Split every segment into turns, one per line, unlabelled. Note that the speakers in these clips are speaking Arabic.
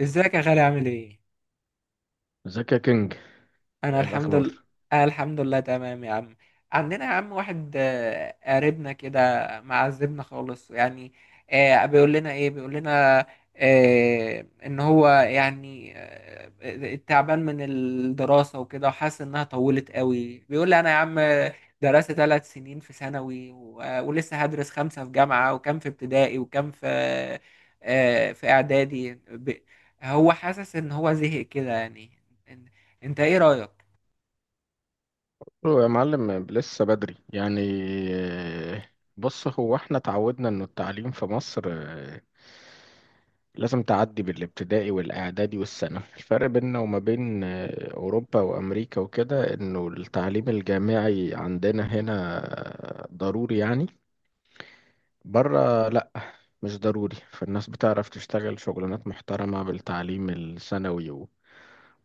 ازيك يا غالي عامل ايه؟
ازيك يا كينج؟
انا
ايه
الحمد لله.
الاخبار؟
أنا الحمد لله تمام يا عم. عندنا يا عم واحد، قريبنا كده معذبنا خالص يعني. بيقول لنا ايه، بيقول لنا ان هو يعني تعبان من الدراسة وكده وحاسس انها طولت قوي. بيقول لي انا يا عم درست 3 سنين في ثانوي ولسه هدرس خمسة في جامعة وكم في ابتدائي وكم في في اعدادي هو حاسس ان هو زهق كده يعني. انت ايه رأيك؟
هو يا معلم لسه بدري يعني. آه، بص، هو احنا اتعودنا انه التعليم في مصر لازم تعدي بالابتدائي والاعدادي والثانوي. الفرق بيننا وما بين اوروبا وامريكا وكده انه التعليم الجامعي عندنا هنا ضروري يعني. بره لا، مش ضروري. فالناس بتعرف تشتغل شغلانات محترمة بالتعليم الثانوي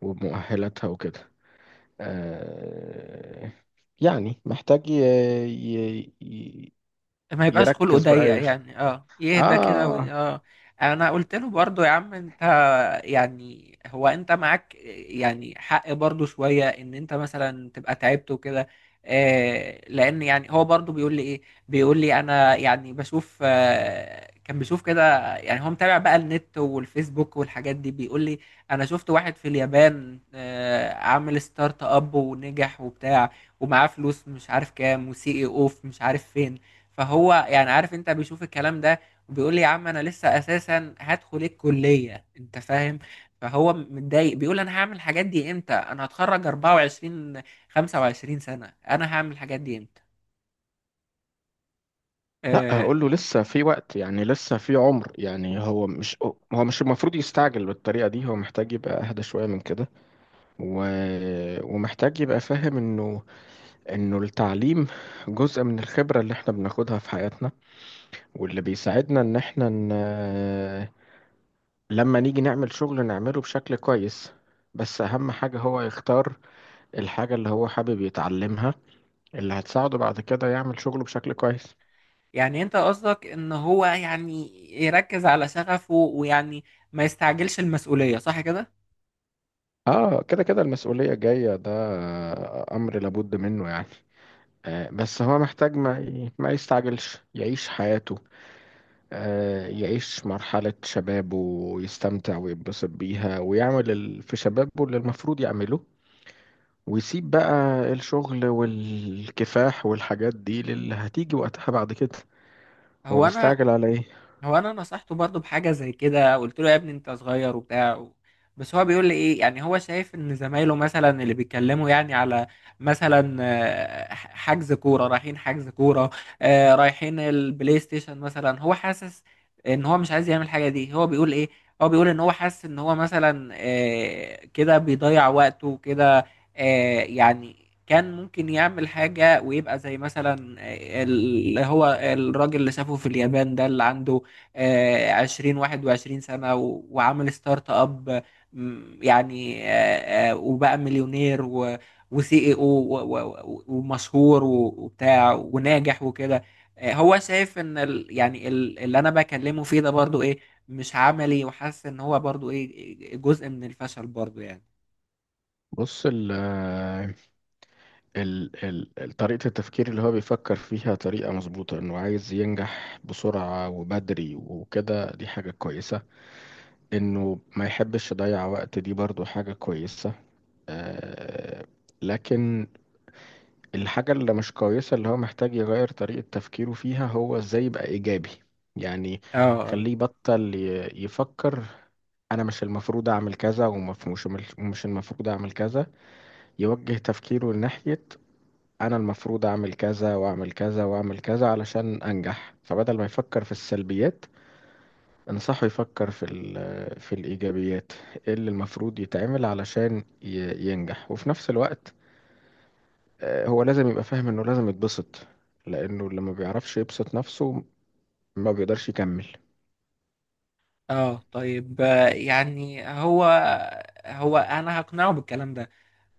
وبمؤهلاتها وكده. آه، يعني محتاج ي... ي-
ما يبقاش خلقه
يركز بقى،
ضيق
يش...
يعني، اه، يهدى كده
آه
اه. انا قلت له برضه يا عم انت، يعني هو انت معاك يعني حق برضو شوية ان انت مثلا تبقى تعبت وكده، لان يعني هو برضو بيقول لي ايه، بيقول لي انا يعني بشوف، كان بيشوف كده. يعني هو متابع بقى النت والفيسبوك والحاجات دي. بيقول لي انا شفت واحد في اليابان عامل ستارت اب ونجح وبتاع ومعاه فلوس مش عارف كام وسي اي اوف مش عارف فين. فهو يعني عارف، انت بيشوف الكلام ده. بيقول لي يا عم انا لسه اساسا هدخل الكليه، انت فاهم. فهو متضايق، بيقول انا هعمل الحاجات دي امتى، انا هتخرج 24، 25 سنه، انا هعمل الحاجات دي امتى؟
لا،
آه
هقول له لسه في وقت يعني. لسه في عمر يعني. هو مش المفروض يستعجل بالطريقة دي. هو محتاج يبقى أهدى شوية من كده، و... ومحتاج يبقى فاهم إنه التعليم جزء من الخبرة اللي إحنا بناخدها في حياتنا، واللي بيساعدنا إن لما نيجي نعمل شغل نعمله بشكل كويس. بس أهم حاجة هو يختار الحاجة اللي هو حابب يتعلمها، اللي هتساعده بعد كده يعمل شغله بشكل كويس.
يعني انت قصدك ان هو يعني يركز على شغفه ويعني ما يستعجلش المسؤوليه، صح كده؟
اه، كده كده المسؤولية جاية. ده امر لابد منه يعني. بس هو محتاج ما يستعجلش، يعيش حياته. يعيش مرحلة شبابه ويستمتع ويتبسط بيها ويعمل في شبابه اللي المفروض يعمله، ويسيب بقى الشغل والكفاح والحاجات دي للي هتيجي وقتها بعد كده. هو
هو انا
مستعجل على ايه؟
هو انا نصحته برضه بحاجه زي كده، قلت له يا ابني انت صغير وبتاع بس هو بيقول لي ايه، يعني هو شايف ان زمايله مثلا اللي بيتكلموا يعني على مثلا حجز كوره، رايحين حجز كوره، رايحين البلاي ستيشن مثلا. هو حاسس ان هو مش عايز يعمل الحاجه دي. هو بيقول ايه، هو بيقول ان هو حاسس ان هو مثلا كده بيضيع وقته كده، يعني كان ممكن يعمل حاجة ويبقى زي مثلا اللي هو الراجل اللي شافه في اليابان ده، اللي عنده 20 21 سنة وعمل ستارت اب. يعني وبقى مليونير وسي اي او ومشهور وبتاع وناجح وكده. هو شايف ان ال اللي انا بكلمه فيه ده برضو ايه، مش عملي، وحاسس ان هو برضو ايه، جزء من الفشل برضو يعني.
بص طريقة التفكير اللي هو بيفكر فيها طريقة مظبوطة. انه عايز ينجح بسرعة وبدري وكده، دي حاجة كويسة. انه ما يحبش يضيع وقت، دي برضو حاجة كويسة. آه لكن الحاجة اللي مش كويسة، اللي هو محتاج يغير طريقة تفكيره فيها، هو ازاي يبقى ايجابي يعني.
اه. اه.
خليه يبطل يفكر: انا مش المفروض اعمل كذا، ومش مش المفروض اعمل كذا. يوجه تفكيره ناحية: انا المفروض اعمل كذا واعمل كذا واعمل كذا علشان انجح. فبدل ما يفكر في السلبيات، انصحه يفكر في في الايجابيات. إيه اللي المفروض يتعمل علشان ينجح؟ وفي نفس الوقت هو لازم يبقى فاهم انه لازم يتبسط، لانه اللي ما بيعرفش يبسط نفسه ما بيقدرش يكمل.
اه طيب، يعني هو انا هقنعه بالكلام ده،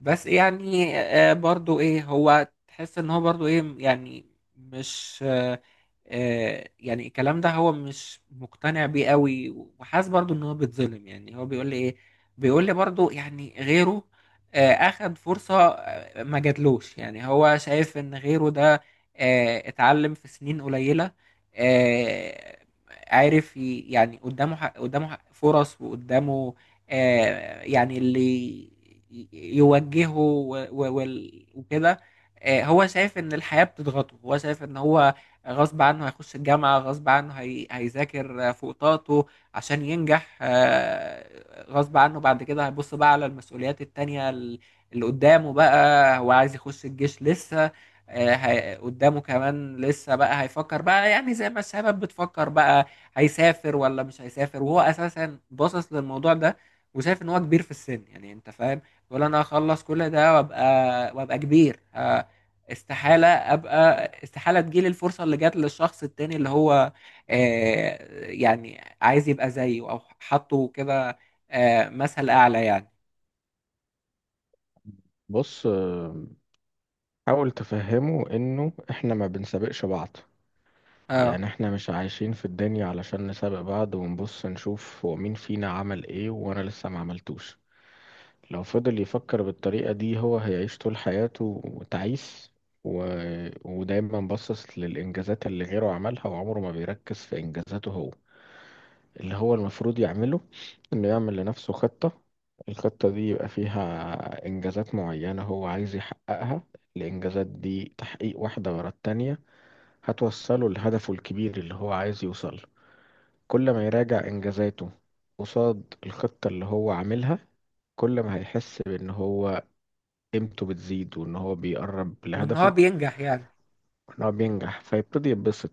بس يعني برضو ايه هو تحس ان هو برضو ايه يعني، مش يعني الكلام ده هو مش مقتنع بيه قوي، وحاسس برضو ان هو بيتظلم. يعني هو بيقول لي ايه، بيقول لي برضو يعني غيره اخد فرصة ما جاتلوش. يعني هو شايف ان غيره ده اتعلم في سنين قليلة، آه، عارف يعني قدامه فرص، وقدامه يعني اللي يوجهه وكده. هو شايف ان الحياة بتضغطه. هو شايف ان هو غصب عنه هيخش الجامعة، غصب عنه هيذاكر فوق طاقته عشان ينجح، غصب عنه بعد كده هيبص بقى على المسؤوليات التانية اللي قدامه بقى. هو عايز يخش الجيش لسه، قدامه كمان لسه بقى. هيفكر بقى يعني زي ما الشباب بتفكر بقى هيسافر ولا مش هيسافر، وهو اساسا باصص للموضوع ده وشايف ان هو كبير في السن، يعني انت فاهم. بيقول انا هخلص كل ده وابقى كبير، استحالة ابقى، استحالة تجيلي الفرصة اللي جات للشخص التاني اللي هو آه، يعني عايز يبقى زيه او حاطه كده مثل اعلى يعني.
بص، حاول تفهمه انه احنا ما بنسابقش بعض.
اه.
يعني احنا مش عايشين في الدنيا علشان نسابق بعض ونبص نشوف هو مين فينا عمل ايه وانا لسه ما عملتوش. لو فضل يفكر بالطريقة دي، هو هيعيش طول حياته تعيس و... ودايما باصص للإنجازات اللي غيره عملها، وعمره ما بيركز في إنجازاته هو. اللي هو المفروض يعمله إنه يعمل لنفسه خطة. الخطة دي يبقى فيها إنجازات معينة هو عايز يحققها. الإنجازات دي تحقيق واحدة ورا التانية هتوصله لهدفه الكبير اللي هو عايز يوصله. كل ما يراجع إنجازاته قصاد الخطة اللي هو عاملها، كل ما هيحس بإن هو قيمته بتزيد وان هو بيقرب
وان هو
لهدفه
بينجح يعني.
وان هو بينجح فيبتدي يتبسط.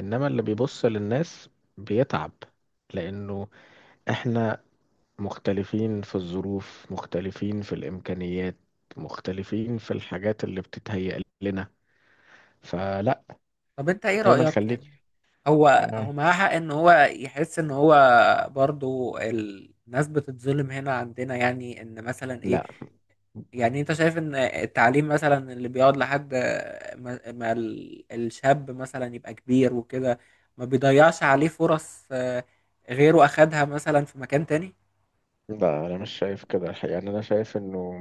انما اللي بيبص للناس بيتعب، لانه احنا مختلفين في الظروف، مختلفين في الامكانيات، مختلفين في الحاجات اللي بتتهيأ لنا. فلا،
طب انت ايه
دايما
رأيك
خليك.
يعني؟ هو
آه.
معاه حق ان هو يحس ان هو برضو الناس بتتظلم هنا عندنا، يعني ان مثلا ايه،
لا،
يعني انت شايف ان التعليم مثلا اللي بيقعد لحد ما الشاب مثلا يبقى كبير وكده، ما بيضيعش عليه فرص؟ غيره اخدها مثلا في مكان تاني.
لا انا مش شايف كده الحقيقة يعني. انا شايف انه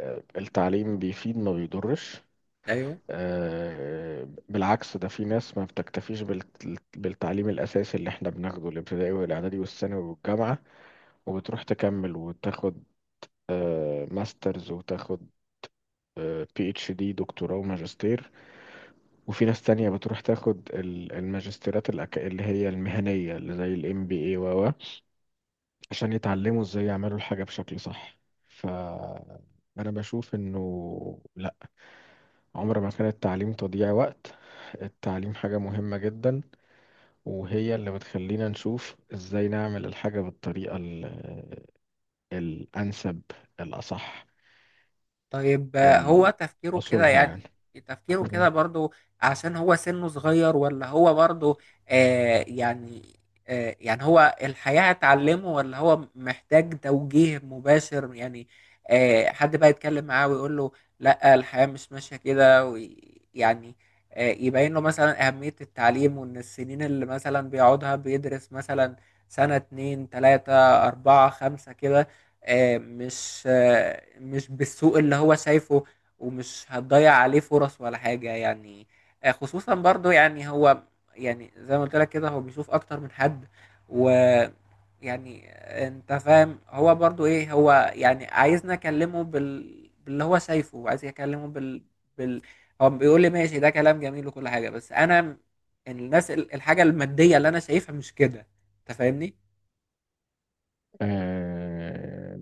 التعليم بيفيد ما بيضرش.
ايوه.
بالعكس، ده في ناس ما بتكتفيش بالتعليم الأساسي اللي احنا بناخده، الابتدائي والإعدادي والثانوي والجامعة، وبتروح تكمل وتاخد ماسترز، وتاخد PhD، دكتوراه وماجستير. وفي ناس تانية بتروح تاخد الماجستيرات اللي هي المهنية، اللي زي الMBA، عشان يتعلموا ازاي يعملوا الحاجة بشكل صح. فأنا بشوف إنه لأ، عمر ما كان التعليم تضييع وقت. التعليم حاجة مهمة جدا، وهي اللي بتخلينا نشوف ازاي نعمل الحاجة بالطريقة الأنسب، الأصح،
طيب، هو
ال-
تفكيره كده
أصولها يعني.
يعني، تفكيره كده برضو عشان هو سنه صغير، ولا هو برضو يعني يعني هو الحياة هتعلمه، ولا هو محتاج توجيه مباشر يعني حد بقى يتكلم معاه ويقول له لا الحياة مش ماشية كده، يعني يبين له مثلا أهمية التعليم، وإن السنين اللي مثلا بيقعدها بيدرس مثلا سنة، اتنين، تلاتة، أربعة، خمسة كده، مش مش بالسوء اللي هو شايفه، ومش هتضيع عليه فرص ولا حاجة يعني. خصوصا برضو يعني هو، يعني زي ما قلت لك كده هو بيشوف اكتر من حد، و، يعني انت فاهم. هو برضو ايه، هو يعني عايزنا اكلمه باللي هو شايفه، وعايز اكلمه بال... هو بيقول لي ماشي، ده كلام جميل وكل حاجة، بس انا الناس، الحاجة المادية اللي انا شايفها مش كده، انت فاهمني.
آه،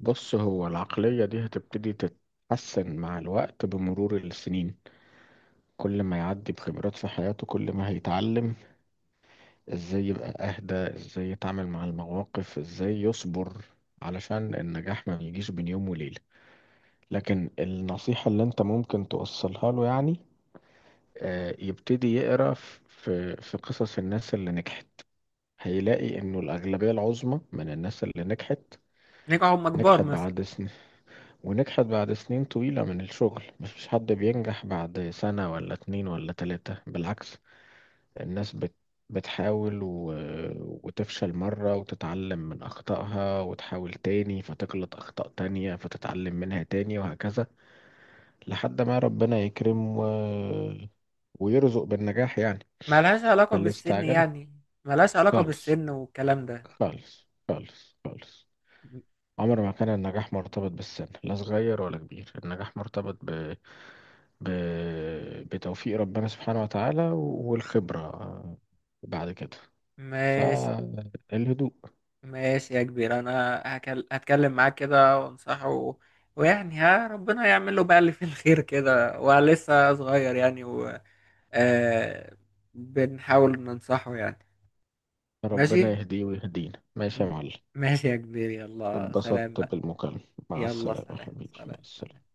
بص، هو العقلية دي هتبتدي تتحسن مع الوقت بمرور السنين. كل ما يعدي بخبرات في حياته، كل ما هيتعلم ازاي يبقى اهدى، ازاي يتعامل مع المواقف، ازاي يصبر. علشان النجاح ما يجيش بين يوم وليلة. لكن النصيحة اللي انت ممكن توصلها له يعني، يبتدي يقرأ في قصص الناس اللي نجحت. هيلاقي انه الأغلبية العظمى من الناس اللي نجحت،
نجحوا هم كبار
نجحت
مثلا.
بعد سنين، ونجحت بعد سنين طويلة من الشغل. مفيش حد بينجح بعد سنة ولا 2 ولا 3. بالعكس، الناس بتحاول وتفشل مرة وتتعلم من أخطائها وتحاول تاني، فتغلط أخطاء تانية فتتعلم منها تاني، وهكذا لحد ما ربنا يكرم ويرزق بالنجاح يعني.
ملهاش علاقة
فاللي
بالسن
استعجل
يعني؟ ملهاش علاقة
خالص،
بالسن والكلام ده.
خالص، خالص، خالص.
م-
عمر ما كان النجاح مرتبط بالسن، لا صغير ولا كبير. النجاح مرتبط ب... بتوفيق ربنا سبحانه وتعالى والخبرة بعد كده.
ماشي.
فالهدوء.
ماشي يا كبير، انا هتكلم معاه كده وانصحه، ويعني، ها، ربنا يعمل له بقى اللي فيه الخير كده، ولسه صغير يعني آه... بنحاول ننصحه يعني. ماشي.
ربنا يهديه ويهدينا. ماشي
م-
يا معلم.
ماشي يا كبير، يلا سلام
اتبسطت
بقى.
بالمكالمة. مع
يلا
السلامة يا
سلام،
حبيبي، مع
سلام، سلام.
السلامة.